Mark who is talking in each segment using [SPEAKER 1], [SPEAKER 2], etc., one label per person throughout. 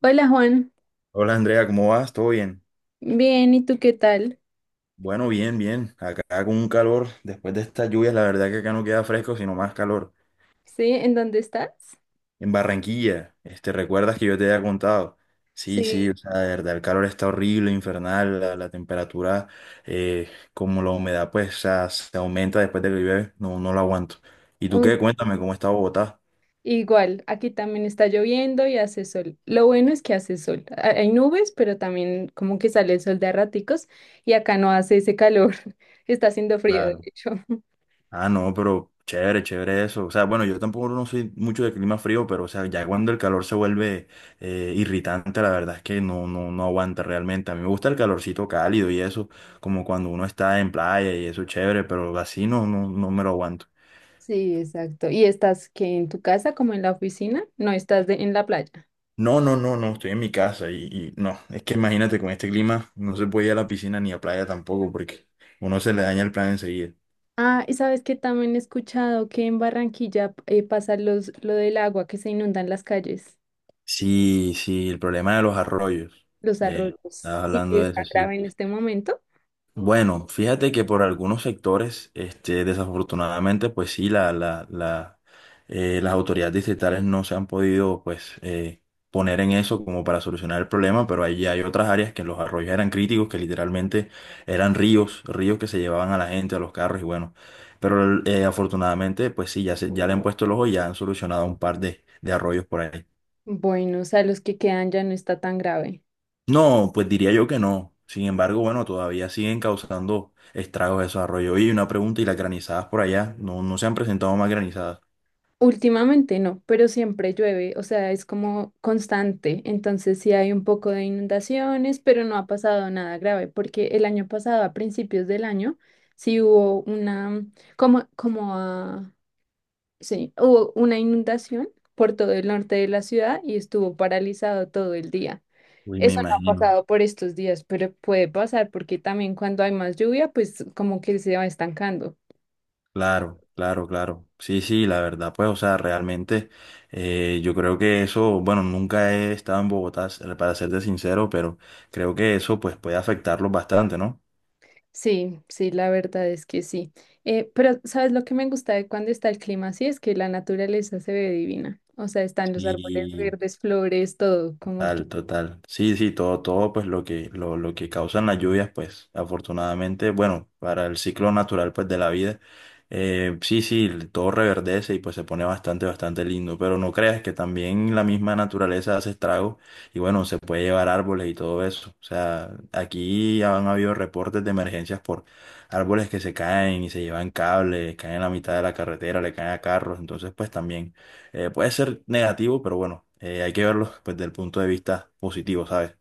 [SPEAKER 1] Hola Juan,
[SPEAKER 2] Hola Andrea, ¿cómo vas? ¿Todo bien?
[SPEAKER 1] bien, ¿y tú qué tal?
[SPEAKER 2] Bueno, bien, bien. Acá con un calor, después de estas lluvias, la verdad que acá no queda fresco, sino más calor.
[SPEAKER 1] ¿Sí? ¿En dónde estás?
[SPEAKER 2] En Barranquilla, ¿recuerdas que yo te había contado? Sí,
[SPEAKER 1] Sí,
[SPEAKER 2] sí, o sea, de verdad, el calor está horrible, infernal, la temperatura, como la humedad, pues, o sea, se aumenta después de que llueve, no, no lo aguanto. ¿Y tú
[SPEAKER 1] uy,
[SPEAKER 2] qué? Cuéntame, ¿cómo está Bogotá?
[SPEAKER 1] igual, aquí también está lloviendo y hace sol. Lo bueno es que hace sol. Hay nubes, pero también como que sale el sol de a raticos y acá no hace ese calor. Está haciendo frío, de hecho.
[SPEAKER 2] Ah, no, pero chévere, chévere eso. O sea, bueno, yo tampoco no soy mucho de clima frío, pero o sea, ya cuando el calor se vuelve irritante, la verdad es que no, no, no aguanta realmente. A mí me gusta el calorcito cálido y eso, como cuando uno está en playa y eso chévere, pero así no, no, no me lo aguanto.
[SPEAKER 1] Sí, exacto. ¿Y estás que en tu casa como en la oficina? No, estás en la playa.
[SPEAKER 2] No, no, no, no, estoy en mi casa y, no, es que imagínate con este clima no se puede ir a la piscina ni a playa tampoco porque uno se le daña el plan enseguida.
[SPEAKER 1] Ah, y sabes que también he escuchado que en Barranquilla pasa lo del agua que se inundan las calles.
[SPEAKER 2] Sí, sí, el problema de los arroyos.
[SPEAKER 1] Los
[SPEAKER 2] Eh,
[SPEAKER 1] arroyos
[SPEAKER 2] Estabas
[SPEAKER 1] y
[SPEAKER 2] hablando
[SPEAKER 1] que
[SPEAKER 2] de
[SPEAKER 1] está
[SPEAKER 2] eso,
[SPEAKER 1] grave
[SPEAKER 2] sí.
[SPEAKER 1] en este momento.
[SPEAKER 2] Bueno, fíjate que por algunos sectores, desafortunadamente, pues sí, la las autoridades distritales no se han podido, pues, poner en eso como para solucionar el problema, pero allí hay otras áreas que los arroyos eran críticos, que literalmente eran ríos, ríos que se llevaban a la gente, a los carros y bueno, pero afortunadamente, pues sí, ya le han puesto el ojo y ya han solucionado un par de arroyos por ahí.
[SPEAKER 1] Bueno, o sea, los que quedan ya no está tan grave.
[SPEAKER 2] No, pues diría yo que no. Sin embargo, bueno, todavía siguen causando estragos esos arroyos. Y una pregunta, ¿y las granizadas por allá? No, no se han presentado más granizadas.
[SPEAKER 1] Últimamente no, pero siempre llueve, o sea, es como constante. Entonces sí hay un poco de inundaciones, pero no ha pasado nada grave, porque el año pasado, a principios del año, sí hubo una, como, como, ah, sí, hubo una inundación por todo el norte de la ciudad y estuvo paralizado todo el día.
[SPEAKER 2] Uy, me
[SPEAKER 1] Eso no ha
[SPEAKER 2] imagino.
[SPEAKER 1] pasado por estos días, pero puede pasar porque también cuando hay más lluvia, pues como que se va estancando.
[SPEAKER 2] Claro, claro, claro. Sí, sí, la verdad, pues, o sea, realmente yo creo que eso, bueno, nunca he estado en Bogotá, para serte sincero, pero creo que eso, pues, puede afectarlos bastante, ¿no?
[SPEAKER 1] Sí, sí, la verdad es que sí. Pero ¿sabes lo que me gusta de cuando está el clima así? Es que la naturaleza se ve divina. O sea, están los árboles
[SPEAKER 2] Sí.
[SPEAKER 1] verdes, flores, todo, como que...
[SPEAKER 2] Total, total. Sí, sí, todo, todo, pues lo que causan las lluvias, pues afortunadamente, bueno, para el ciclo natural, pues de la vida, sí, sí, todo reverdece y pues se pone bastante, bastante lindo, pero no creas que también la misma naturaleza hace estragos y bueno, se puede llevar árboles y todo eso. O sea, aquí ya han habido reportes de emergencias por árboles que se caen y se llevan cables, caen en la mitad de la carretera, le caen a carros, entonces pues también. Puede ser negativo, pero bueno, hay que verlo, pues, desde el punto de vista positivo, ¿sabes?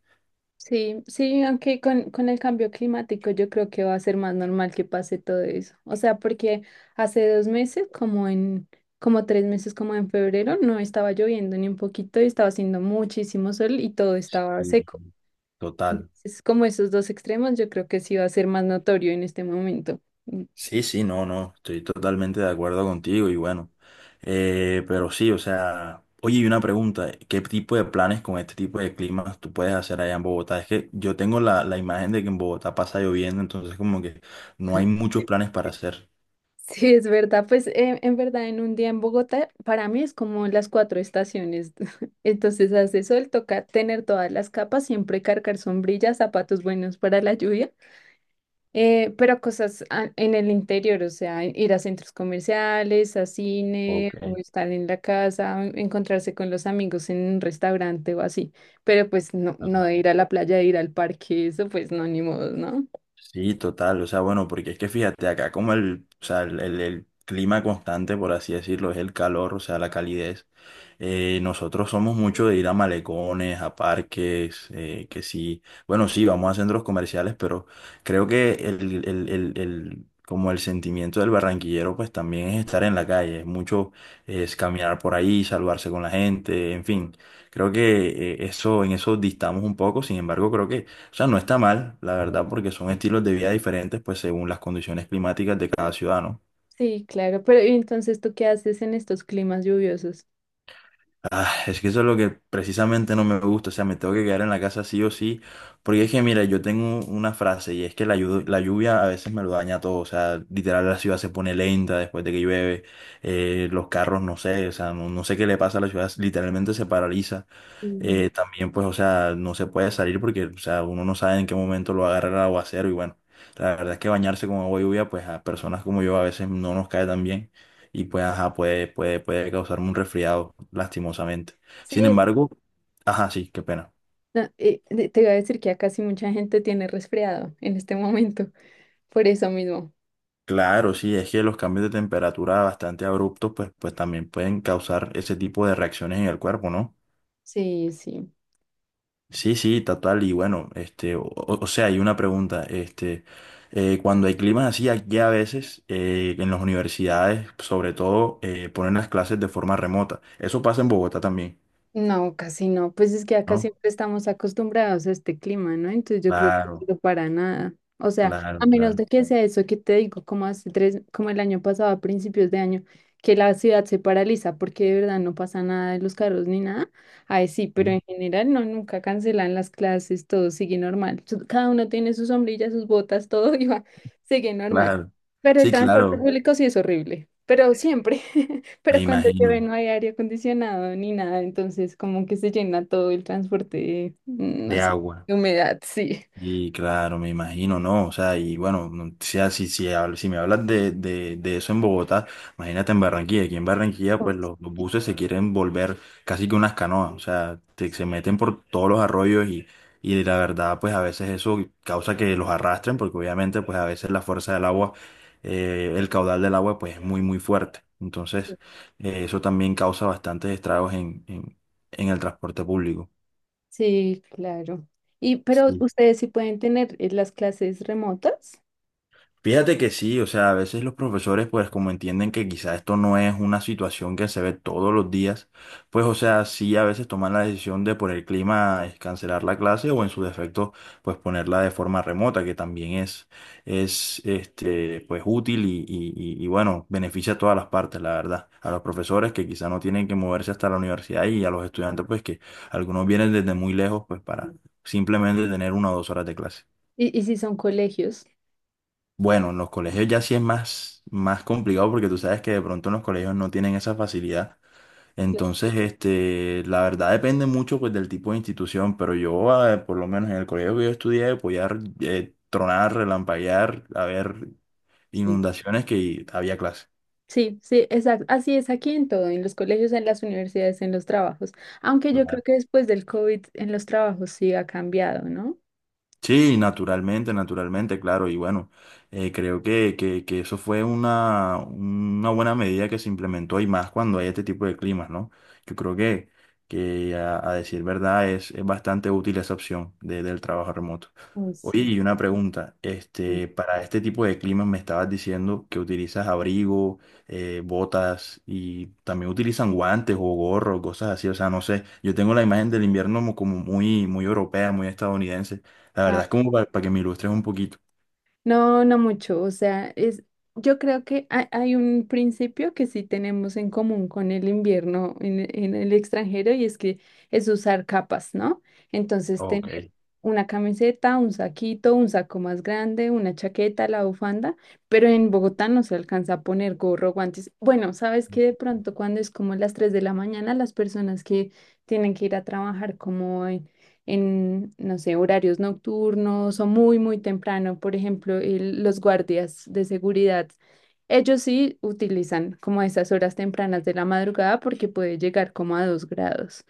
[SPEAKER 1] Sí, sí, aunque con el cambio climático yo creo que va a ser más normal que pase todo eso. O sea, porque hace 2 meses, como 3 meses, como en febrero, no estaba lloviendo ni un poquito y estaba haciendo muchísimo sol y todo estaba
[SPEAKER 2] Sí.
[SPEAKER 1] seco.
[SPEAKER 2] Total.
[SPEAKER 1] Entonces, como esos dos extremos, yo creo que sí va a ser más notorio en este momento. Mm.
[SPEAKER 2] Sí, sí, no, no, estoy totalmente de acuerdo contigo y bueno, pero sí, o sea, oye, y una pregunta, ¿qué tipo de planes con este tipo de climas tú puedes hacer allá en Bogotá? Es que yo tengo la imagen de que en Bogotá pasa lloviendo, entonces como que no hay muchos planes para hacer.
[SPEAKER 1] Sí, es verdad. Pues en verdad, en un día en Bogotá, para mí es como las cuatro estaciones. Entonces, hace sol, toca tener todas las capas, siempre cargar sombrillas, zapatos buenos para la lluvia, pero cosas en el interior, o sea, ir a centros comerciales, a cine,
[SPEAKER 2] Ok.
[SPEAKER 1] o estar en la casa, o encontrarse con los amigos en un restaurante o así. Pero pues no, no
[SPEAKER 2] Ajá.
[SPEAKER 1] de ir a la playa, de ir al parque, eso pues no, ni modo, ¿no?
[SPEAKER 2] Sí, total, o sea, bueno, porque es que fíjate, acá como el, o sea, el clima constante, por así decirlo, es el calor, o sea, la calidez, nosotros somos mucho de ir a malecones, a parques, que sí, bueno, sí, vamos a centros comerciales, pero creo que como el sentimiento del barranquillero, pues también es estar en la calle, es mucho, es caminar por ahí, salvarse con la gente, en fin, creo que en eso distamos un poco, sin embargo, creo que, o sea, no está mal, la verdad, porque son estilos de vida diferentes, pues según las condiciones climáticas de cada ciudadano.
[SPEAKER 1] Sí, claro. Pero ¿y entonces tú qué haces en estos climas lluviosos?
[SPEAKER 2] Ah, es que eso es lo que precisamente no me gusta, o sea, me tengo que quedar en la casa sí o sí, porque es que, mira, yo tengo una frase y es que la lluvia a veces me lo daña todo, o sea, literal la ciudad se pone lenta después de que llueve, los carros, no sé, o sea, no, no sé qué le pasa a la ciudad, literalmente se paraliza.
[SPEAKER 1] Sí,
[SPEAKER 2] También, pues, o sea, no se puede salir porque, o sea, uno no sabe en qué momento lo agarra el aguacero y bueno, la verdad es que bañarse con agua lluvia, pues a personas como yo a veces no nos cae tan bien y pues, ajá, puede causarme un resfriado, lastimosamente. Sin
[SPEAKER 1] sí,
[SPEAKER 2] embargo, ajá, sí, qué pena.
[SPEAKER 1] no, te iba a decir que acá sí mucha gente tiene resfriado en este momento, por eso mismo.
[SPEAKER 2] Claro, sí, es que los cambios de temperatura bastante abruptos, pues también pueden causar ese tipo de reacciones en el cuerpo, ¿no?
[SPEAKER 1] Sí, sí.
[SPEAKER 2] Sí, sí, total, y bueno, o sea, hay una pregunta, cuando hay climas así, aquí a veces, en las universidades, sobre todo, ponen las clases de forma remota. Eso pasa en Bogotá también,
[SPEAKER 1] No, casi no. Pues es que acá
[SPEAKER 2] ¿no?
[SPEAKER 1] siempre estamos acostumbrados a este clima, ¿no? Entonces yo creo que
[SPEAKER 2] Claro,
[SPEAKER 1] no para nada. O sea, a
[SPEAKER 2] claro,
[SPEAKER 1] menos
[SPEAKER 2] claro.
[SPEAKER 1] de que sea eso que te digo, como hace tres, como el año pasado, a principios de año, que la ciudad se paraliza porque de verdad no pasa nada de los carros ni nada. Ahí sí, pero
[SPEAKER 2] ¿Sí?
[SPEAKER 1] en general no, nunca cancelan las clases, todo sigue normal. Cada uno tiene su sombrilla, sus botas, todo y va, sigue normal.
[SPEAKER 2] Claro,
[SPEAKER 1] Pero el
[SPEAKER 2] sí,
[SPEAKER 1] transporte
[SPEAKER 2] claro.
[SPEAKER 1] público sí es horrible, pero siempre.
[SPEAKER 2] Me
[SPEAKER 1] Pero cuando llueve
[SPEAKER 2] imagino.
[SPEAKER 1] no hay aire acondicionado ni nada, entonces como que se llena todo el transporte, de, no
[SPEAKER 2] De
[SPEAKER 1] sé,
[SPEAKER 2] agua.
[SPEAKER 1] de humedad, sí.
[SPEAKER 2] Y claro, me imagino, ¿no? O sea, y bueno, si me hablas de eso en Bogotá, imagínate en Barranquilla. Aquí en Barranquilla, pues los
[SPEAKER 1] Mosquitos.
[SPEAKER 2] buses se quieren volver casi que unas canoas. O sea, se meten por todos los arroyos y, la verdad, pues a veces eso causa que los arrastren, porque obviamente, pues a veces la fuerza del agua, el caudal del agua, pues es muy, muy fuerte. Entonces, eso también causa bastantes estragos en, en el transporte público.
[SPEAKER 1] Sí, claro. Y pero
[SPEAKER 2] Sí.
[SPEAKER 1] ustedes sí pueden tener las clases remotas
[SPEAKER 2] Fíjate que sí, o sea, a veces los profesores, pues como entienden que quizá esto no es una situación que se ve todos los días, pues o sea, sí a veces toman la decisión de por el clima, cancelar la clase o en su defecto, pues ponerla de forma remota, que también es pues útil y bueno, beneficia a todas las partes, la verdad. A los profesores que quizá no tienen que moverse hasta la universidad y a los estudiantes, pues que algunos vienen desde muy lejos, pues para simplemente tener una o dos horas de clase.
[SPEAKER 1] y si son colegios.
[SPEAKER 2] Bueno, en los colegios ya sí es más, más complicado porque tú sabes que de pronto en los colegios no tienen esa facilidad.
[SPEAKER 1] Claro,
[SPEAKER 2] Entonces, la verdad depende mucho, pues, del tipo de institución, pero yo, por lo menos en el colegio que yo estudié podía, tronar, relampaguear, haber
[SPEAKER 1] sí,
[SPEAKER 2] inundaciones, que había clase.
[SPEAKER 1] sí, sí, exacto. Así es aquí en todo, en los colegios, en las universidades, en los trabajos. Aunque yo creo que después del COVID en los trabajos sí ha cambiado, ¿no?
[SPEAKER 2] Sí, naturalmente, naturalmente, claro. Y bueno, creo que eso fue una buena medida que se implementó y más cuando hay este tipo de climas, ¿no? Yo creo que a decir verdad, es bastante útil esa opción del trabajo remoto.
[SPEAKER 1] Uy,
[SPEAKER 2] Oye,
[SPEAKER 1] sí.
[SPEAKER 2] y una pregunta,
[SPEAKER 1] Sí.
[SPEAKER 2] para este tipo de climas me estabas diciendo que utilizas abrigo, botas, y también utilizan guantes o gorros, cosas así, o sea, no sé, yo tengo la imagen del invierno como muy, muy europea, muy estadounidense. La verdad es como para que me ilustres un poquito.
[SPEAKER 1] No, no mucho. O sea, es, yo creo que hay un principio que sí tenemos en común con el invierno en, en el extranjero y es que es usar capas, ¿no? Entonces, tener
[SPEAKER 2] Ok.
[SPEAKER 1] una camiseta, un saquito, un saco más grande, una chaqueta, la bufanda, pero en Bogotá no se alcanza a poner gorro, guantes. Bueno, sabes que de pronto cuando es como las 3 de la mañana, las personas que tienen que ir a trabajar como en, no sé, horarios nocturnos o muy, muy temprano. Por ejemplo, los guardias de seguridad, ellos sí utilizan como esas horas tempranas de la madrugada porque puede llegar como a 2 grados,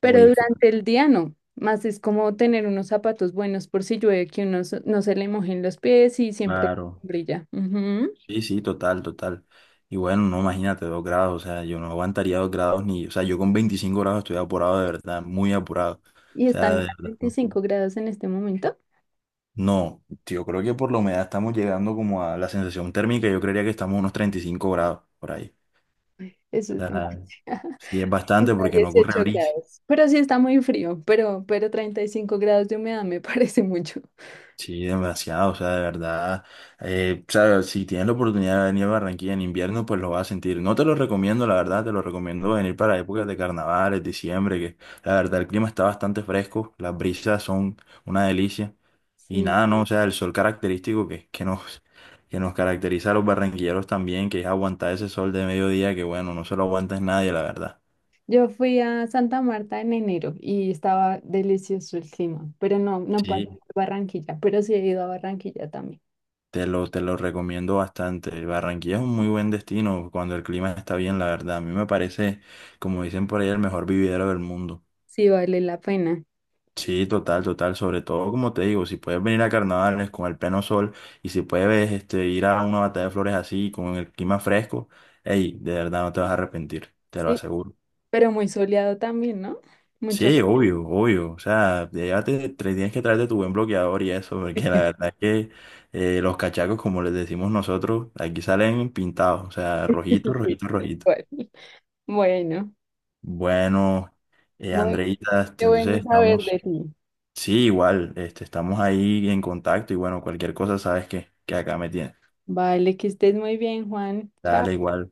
[SPEAKER 1] pero
[SPEAKER 2] Uy, fue
[SPEAKER 1] durante el día no. Más es como tener unos zapatos buenos por si llueve, que uno no se le mojen los pies y siempre
[SPEAKER 2] claro.
[SPEAKER 1] brilla. Ujú.
[SPEAKER 2] Sí, sí, total, total. Y bueno, no, imagínate, 2 grados, o sea, yo no aguantaría 2 grados ni, o sea, yo con 25 grados estoy apurado de verdad, muy apurado.
[SPEAKER 1] Y
[SPEAKER 2] O sea,
[SPEAKER 1] están
[SPEAKER 2] de
[SPEAKER 1] a
[SPEAKER 2] verdad, no,
[SPEAKER 1] 35 grados en este momento.
[SPEAKER 2] no, yo creo que por la humedad estamos llegando como a la sensación térmica, yo creería que estamos a unos 35 grados por ahí.
[SPEAKER 1] Eso
[SPEAKER 2] O
[SPEAKER 1] es
[SPEAKER 2] sea,
[SPEAKER 1] demasiado.
[SPEAKER 2] sí es bastante
[SPEAKER 1] Está a
[SPEAKER 2] porque no ocurre
[SPEAKER 1] 18
[SPEAKER 2] brisa.
[SPEAKER 1] grados. Pero sí está muy frío, pero 35 grados de humedad me parece mucho.
[SPEAKER 2] Sí, demasiado, o sea, de verdad, o sea, si tienes la oportunidad de venir a Barranquilla en invierno, pues lo vas a sentir. No te lo recomiendo, la verdad, te lo recomiendo venir para épocas de carnavales, diciembre, que la verdad el clima está bastante fresco, las brisas son una delicia, y
[SPEAKER 1] Sí.
[SPEAKER 2] nada, no, o sea, el sol característico que nos caracteriza a los barranquilleros también, que es aguantar ese sol de mediodía, que bueno, no se lo aguantas nadie, la verdad.
[SPEAKER 1] Yo fui a Santa Marta en enero y estaba delicioso el clima, pero no, no pasé
[SPEAKER 2] Sí,
[SPEAKER 1] por Barranquilla, pero sí he ido a Barranquilla también.
[SPEAKER 2] te lo recomiendo bastante. Barranquilla es un muy buen destino cuando el clima está bien, la verdad. A mí me parece, como dicen por ahí, el mejor vividero del mundo.
[SPEAKER 1] Sí vale la pena.
[SPEAKER 2] Sí, total, total. Sobre todo, como te digo, si puedes venir a carnavales con el pleno sol y si puedes, ir a una batalla de flores así, con el clima fresco, hey, de verdad no te vas a arrepentir, te lo
[SPEAKER 1] Sí,
[SPEAKER 2] aseguro.
[SPEAKER 1] pero muy soleado también, ¿no? Mucho
[SPEAKER 2] Sí,
[SPEAKER 1] calor.
[SPEAKER 2] obvio, obvio. O sea, llévate, tienes que traerte tu buen bloqueador y eso, porque la verdad es que, los cachacos, como les decimos nosotros, aquí salen pintados, o sea, rojito,
[SPEAKER 1] Sí,
[SPEAKER 2] rojito,
[SPEAKER 1] tal
[SPEAKER 2] rojito.
[SPEAKER 1] cual. Bueno,
[SPEAKER 2] Bueno,
[SPEAKER 1] bueno,
[SPEAKER 2] Andreita,
[SPEAKER 1] qué
[SPEAKER 2] entonces
[SPEAKER 1] bueno saber de
[SPEAKER 2] estamos,
[SPEAKER 1] ti.
[SPEAKER 2] sí, igual, estamos ahí en contacto y bueno, cualquier cosa sabes que acá me tienes.
[SPEAKER 1] Vale, que estés muy bien, Juan. Chao.
[SPEAKER 2] Dale, igual.